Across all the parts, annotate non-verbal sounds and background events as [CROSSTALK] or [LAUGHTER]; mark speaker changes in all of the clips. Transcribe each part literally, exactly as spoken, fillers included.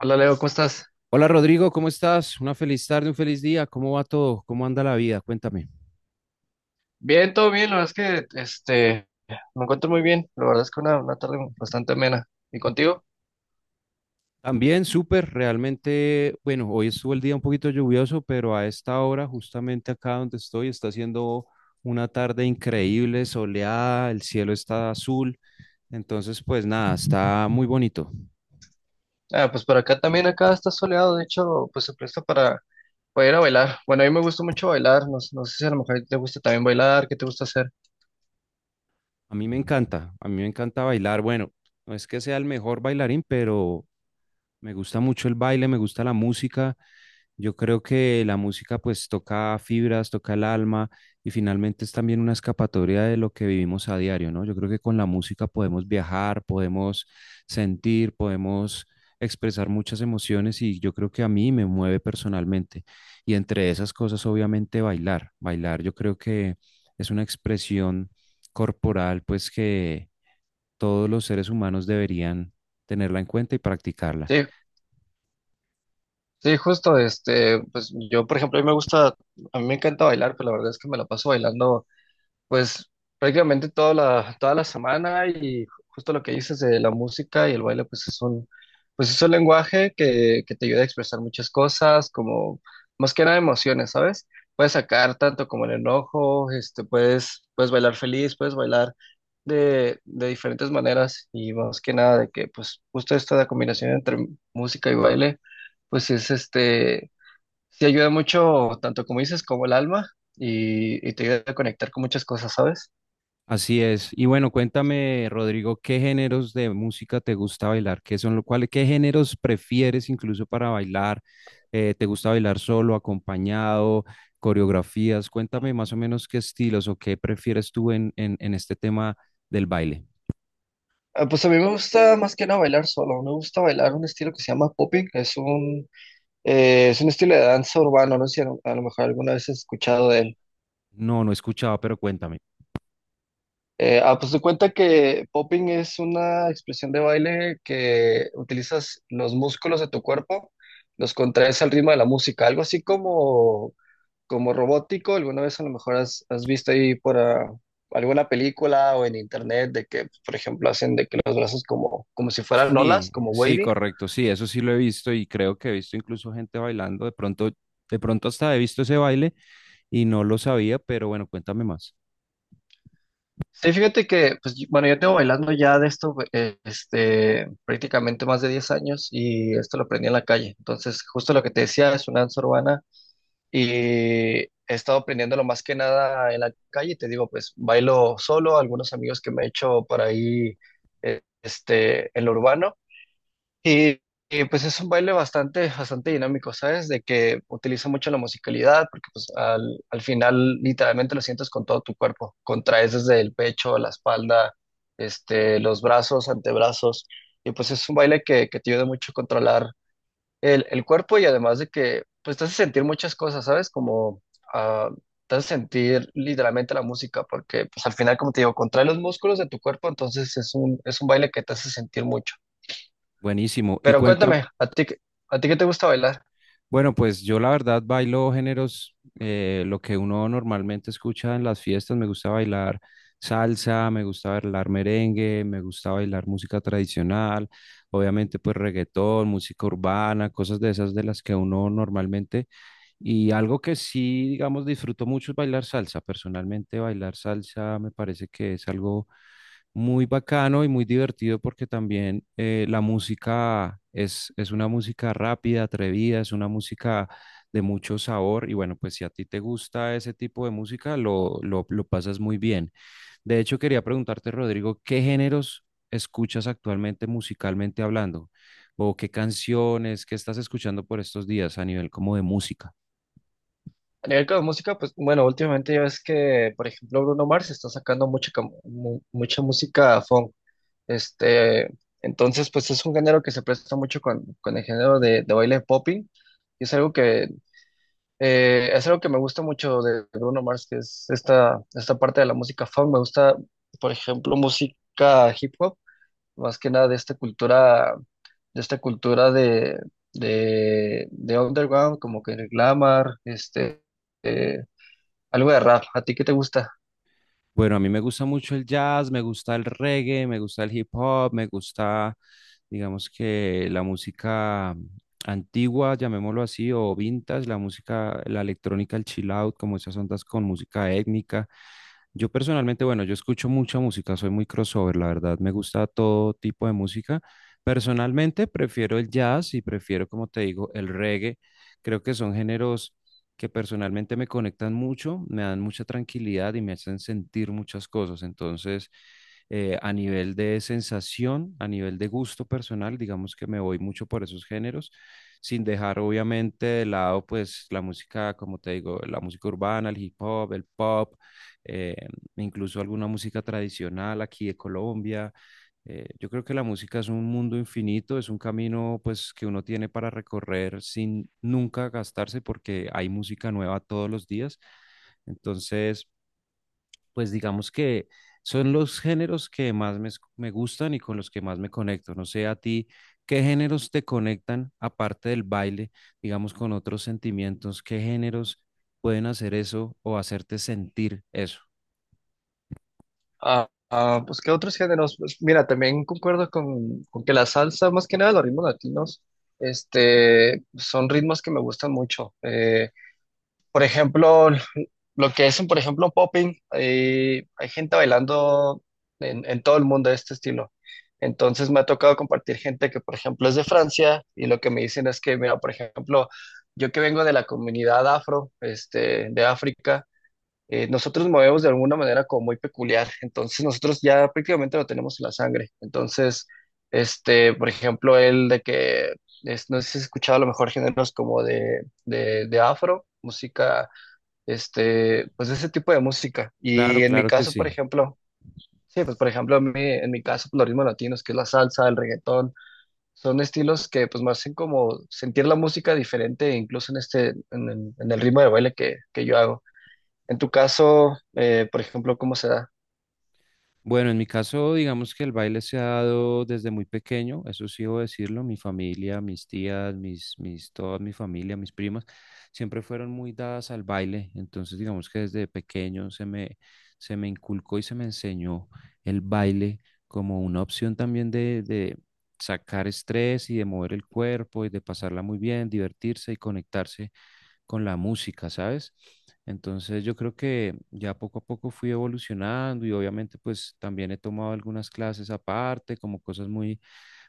Speaker 1: Hola Leo, ¿cómo estás?
Speaker 2: Hola Rodrigo, ¿cómo estás? Una feliz tarde, un feliz día. ¿Cómo va todo? ¿Cómo anda la vida? Cuéntame.
Speaker 1: Bien, todo bien, la verdad es que este, me encuentro muy bien, la verdad es que una, una tarde bastante amena. ¿Y contigo?
Speaker 2: También súper, realmente, bueno, hoy estuvo el día un poquito lluvioso, pero a esta hora, justamente acá donde estoy, está haciendo una tarde increíble, soleada, el cielo está azul, entonces pues nada, está muy bonito.
Speaker 1: Ah, pues por acá también, acá está soleado, de hecho, pues se presta para, para ir a bailar. Bueno, a mí me gusta mucho bailar, no, no sé si a lo mejor te gusta también bailar, ¿qué te gusta hacer?
Speaker 2: A mí me encanta, a mí me encanta bailar. Bueno, no es que sea el mejor bailarín, pero me gusta mucho el baile, me gusta la música. Yo creo que la música pues toca fibras, toca el alma y finalmente es también una escapatoria de lo que vivimos a diario, ¿no? Yo creo que con la música podemos viajar, podemos sentir, podemos expresar muchas emociones y yo creo que a mí me mueve personalmente. Y entre esas cosas obviamente bailar, bailar yo creo que es una expresión corporal pues que todos los seres humanos deberían tenerla en cuenta y practicarla.
Speaker 1: Sí, sí, justo, este, pues yo, por ejemplo, a mí me gusta, a mí me encanta bailar, pero la verdad es que me la paso bailando. Pues prácticamente toda la, toda la semana y ju- justo lo que dices de la música y el baile, pues es un, pues es un lenguaje que, que te ayuda a expresar muchas cosas, como más que nada emociones, ¿sabes? Puedes sacar tanto como el enojo, este, puedes, puedes bailar feliz, puedes bailar de, de diferentes maneras y más que nada de que pues justo esta combinación entre música y baile, pues es este. Sí, ayuda mucho, tanto como dices, como el alma, y, y te ayuda a conectar con muchas cosas, ¿sabes?
Speaker 2: Así es. Y bueno, cuéntame, Rodrigo, ¿qué géneros de música te gusta bailar? ¿Qué son lo cual, qué géneros prefieres incluso para bailar? Eh, ¿te gusta bailar solo, acompañado, coreografías? Cuéntame más o menos qué estilos o qué prefieres tú en, en, en este tema del baile.
Speaker 1: Ah, pues a mí me gusta más que nada bailar solo, me gusta bailar un estilo que se llama popping, es un, eh, es un estilo de danza urbano, no sé si a lo, a lo mejor alguna vez has escuchado de él.
Speaker 2: No, no escuchaba, pero cuéntame.
Speaker 1: Eh, ah, pues te cuenta que popping es una expresión de baile que utilizas los músculos de tu cuerpo, los contraes al ritmo de la música, algo así como como robótico, alguna vez a lo mejor has, has visto ahí por ah, alguna película o en internet de que, por ejemplo, hacen de que los brazos como, como si fueran olas,
Speaker 2: Sí,
Speaker 1: como
Speaker 2: sí,
Speaker 1: wavy.
Speaker 2: correcto, sí, eso sí lo he visto y creo que he visto incluso gente bailando, de pronto, de pronto hasta he visto ese baile y no lo sabía, pero bueno, cuéntame más.
Speaker 1: Sí, fíjate que, pues, yo- bueno, yo tengo bailando ya de esto, eh, este, prácticamente más de diez años y esto lo aprendí en la calle. Entonces, justo lo que te decía es una danza urbana y he estado aprendiéndolo más que nada en la calle. Te digo, pues, bailo solo, algunos amigos que me he hecho por ahí, eh, este, en lo urbano. Y, y, pues es un baile bastante, bastante dinámico, ¿sabes? De que utiliza mucho la musicalidad, porque pues al, al final literalmente lo sientes con todo tu cuerpo, contraes desde el pecho, la espalda, este, los brazos, antebrazos, y pues es un baile que, que te ayuda mucho a controlar el, el cuerpo y además de que pues te hace sentir muchas cosas, ¿sabes? Como ah, te hace sentir literalmente la música, porque pues al final, como te digo, contrae los músculos de tu cuerpo, entonces es un, es un baile que te hace sentir mucho.
Speaker 2: Buenísimo, y
Speaker 1: Pero
Speaker 2: cuéntame,
Speaker 1: cuéntame, ¿a ti, qué- ¿a ti qué te gusta bailar?
Speaker 2: bueno, pues yo la verdad bailo géneros, eh, lo que uno normalmente escucha en las fiestas. Me gusta bailar salsa, me gusta bailar merengue, me gusta bailar música tradicional, obviamente pues reggaetón, música urbana, cosas de esas de las que uno normalmente. Y algo que sí, digamos, disfruto mucho es bailar salsa. Personalmente bailar salsa me parece que es algo muy bacano y muy divertido porque también eh, la música es, es una música rápida, atrevida, es una música de mucho sabor y bueno, pues si a ti te gusta ese tipo de música, lo, lo, lo pasas muy bien. De hecho, quería preguntarte, Rodrigo, ¿qué géneros escuchas actualmente musicalmente hablando? ¿O qué canciones, qué estás escuchando por estos días a nivel como de música?
Speaker 1: A nivel de música, pues bueno, últimamente ya ves que, por ejemplo, Bruno Mars está sacando mucha, cam- mu- mucha música funk. Este, entonces, pues es un género que se presta mucho con, con el género de, de baile popping. Y es algo que, eh, es algo que me gusta mucho de Bruno Mars, que es esta, esta parte de la música funk. Me gusta, por ejemplo, música hip hop, más que nada de esta cultura. De esta cultura de, de, de underground, como que el glamour, este, eh, algo de rap. ¿A ti qué te gusta?
Speaker 2: Bueno, a mí me gusta mucho el jazz, me gusta el reggae, me gusta el hip hop, me gusta, digamos que la música antigua, llamémoslo así, o vintage, la música, la electrónica, el chill out, como esas ondas con música étnica. Yo personalmente, bueno, yo escucho mucha música, soy muy crossover, la verdad, me gusta todo tipo de música. Personalmente prefiero el jazz y prefiero, como te digo, el reggae. Creo que son géneros que personalmente me conectan mucho, me dan mucha tranquilidad y me hacen sentir muchas cosas. Entonces, eh, a nivel de sensación, a nivel de gusto personal, digamos que me voy mucho por esos géneros, sin dejar obviamente de lado pues la música, como te digo, la música urbana, el hip hop, el pop, eh, incluso alguna música tradicional aquí de Colombia. Eh, yo creo que la música es un mundo infinito, es un camino pues que uno tiene para recorrer sin nunca gastarse porque hay música nueva todos los días. Entonces, pues digamos que son los géneros que más me, me gustan y con los que más me conecto. No sé a ti, ¿qué géneros te conectan aparte del baile, digamos con otros sentimientos? ¿Qué géneros pueden hacer eso o hacerte sentir eso?
Speaker 1: Ah, ah, pues, ¿qué otros géneros? Pues, mira, también concuerdo con, con que la salsa, más que nada los ritmos latinos, este, son ritmos que me gustan mucho. Eh, por ejemplo, lo que es, por ejemplo, popping, eh, hay gente bailando en, en todo el mundo de este estilo. Entonces me ha tocado compartir gente que, por ejemplo, es de Francia y lo que me dicen es que, mira, por ejemplo, yo que vengo de la comunidad afro, este, de África, eh, nosotros movemos de alguna manera como muy peculiar. Entonces nosotros ya prácticamente lo tenemos en la sangre. Entonces, este, por ejemplo, el de que, es- no sé si has escuchado a lo mejor géneros como de, de de afro, música este, pues ese tipo de música. Y
Speaker 2: Claro,
Speaker 1: en mi
Speaker 2: claro que
Speaker 1: caso, por
Speaker 2: sí.
Speaker 1: ejemplo, sí, pues por ejemplo, a mí- en mi caso, pues, los ritmos latinos, que es la salsa, el reggaetón, son estilos que pues me hacen como sentir la música diferente, incluso en este, en, el en el ritmo de baile que, que yo hago. En tu caso, eh, por ejemplo, ¿cómo se da?
Speaker 2: Bueno, en mi caso, digamos que el baile se ha dado desde muy pequeño, eso sí debo decirlo, mi familia, mis tías, mis, mis, toda mi familia, mis primas, siempre fueron muy dadas al baile, entonces digamos que desde pequeño se me, se me inculcó y se me enseñó el baile como una opción también de, de sacar estrés y de mover el cuerpo y de pasarla muy bien, divertirse y conectarse con la música, ¿sabes? Entonces yo creo que ya poco a poco fui evolucionando y obviamente pues también he tomado algunas clases aparte, como cosas muy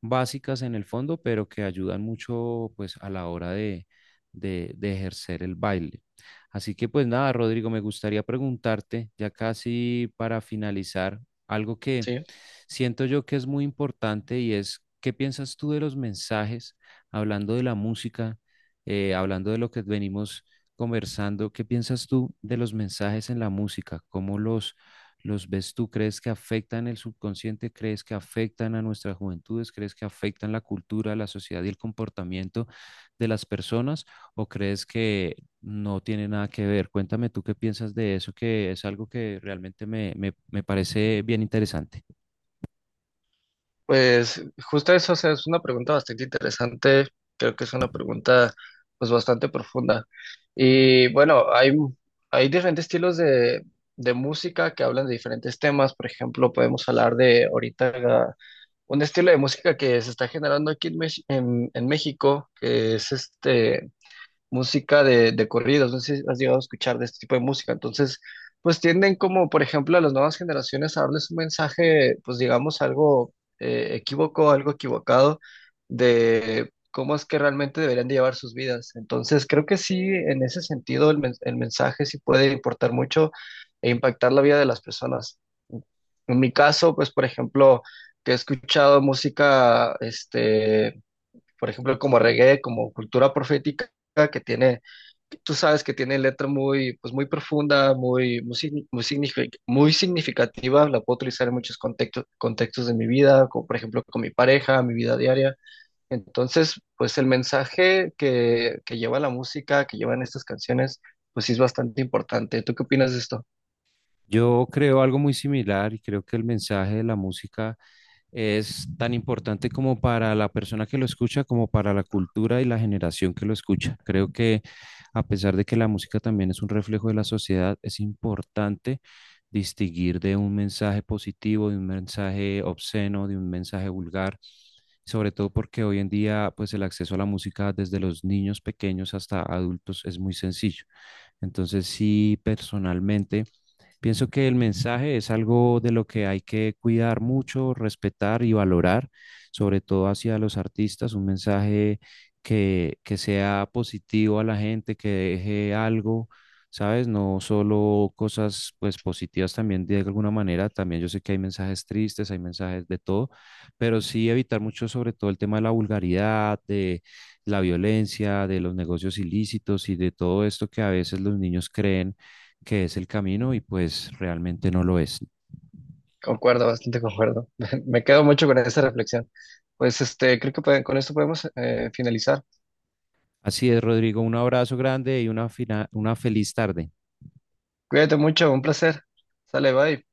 Speaker 2: básicas en el fondo, pero que ayudan mucho pues a la hora de, de, de ejercer el baile. Así que pues nada, Rodrigo, me gustaría preguntarte, ya casi para finalizar, algo que
Speaker 1: Sí.
Speaker 2: siento yo que es muy importante y es, ¿qué piensas tú de los mensajes, hablando de la música, eh, hablando de lo que venimos conversando, ¿qué piensas tú de los mensajes en la música? ¿Cómo los, los ves tú? ¿Crees que afectan el subconsciente? ¿Crees que afectan a nuestras juventudes? ¿Crees que afectan la cultura, la sociedad y el comportamiento de las personas? ¿O crees que no tiene nada que ver? Cuéntame tú qué piensas de eso, que es algo que realmente me, me, me parece bien interesante.
Speaker 1: Pues justo eso, o sea, es una pregunta bastante interesante, creo que es una pregunta pues bastante profunda. Y bueno, hay, hay diferentes estilos de, de música que hablan de diferentes temas, por ejemplo, podemos hablar de ahorita un estilo de música que se está generando aquí en, Mex- en, en México, que es este música de, de corridos, no sé si has llegado a escuchar de este tipo de música, entonces, pues tienden como, por ejemplo, a las nuevas generaciones a darles un mensaje, pues digamos, algo eh, equívoco, algo equivocado de cómo es que realmente deberían de llevar sus vidas. Entonces, creo que sí, en ese sentido, el, men- el mensaje sí puede importar mucho e impactar la vida de las personas. En mi caso, pues, por ejemplo, que he escuchado música, este por ejemplo, como reggae, como cultura profética, que tiene, que tú sabes que tiene letra muy, pues muy profunda, muy, muy, signi- muy signifi- muy significativa, la puedo utilizar en muchos contextos, contextos de mi vida, como por ejemplo con mi pareja, mi vida diaria. Entonces, pues el mensaje que, que lleva la música, que llevan estas canciones, pues sí es bastante importante. ¿Tú qué opinas de esto?
Speaker 2: Yo creo algo muy similar y creo que el mensaje de la música es tan importante como para la persona que lo escucha, como para la cultura y la generación que lo escucha. Creo que a pesar de que la música también es un reflejo de la sociedad, es importante distinguir de un mensaje positivo, de un mensaje obsceno, de un mensaje vulgar, sobre todo porque hoy en día pues el acceso a la música desde los niños pequeños hasta adultos es muy sencillo. Entonces, sí, personalmente pienso que el mensaje es algo de lo que hay que cuidar mucho, respetar y valorar, sobre todo hacia los artistas, un mensaje que, que sea positivo a la gente, que deje algo, ¿sabes? No solo cosas pues positivas también de alguna manera, también yo sé que hay mensajes tristes, hay mensajes de todo, pero sí evitar mucho sobre todo el tema de la vulgaridad, de la violencia, de los negocios ilícitos y de todo esto que a veces los niños creen que es el camino y pues realmente no lo es.
Speaker 1: Concuerdo, bastante concuerdo. [LAUGHS] Me quedo mucho con esa reflexión. Pues este, creo que puede- con esto podemos eh, finalizar.
Speaker 2: Así es, Rodrigo, un abrazo grande y una, fina- una feliz tarde.
Speaker 1: Cuídate mucho, un placer. Sale, bye.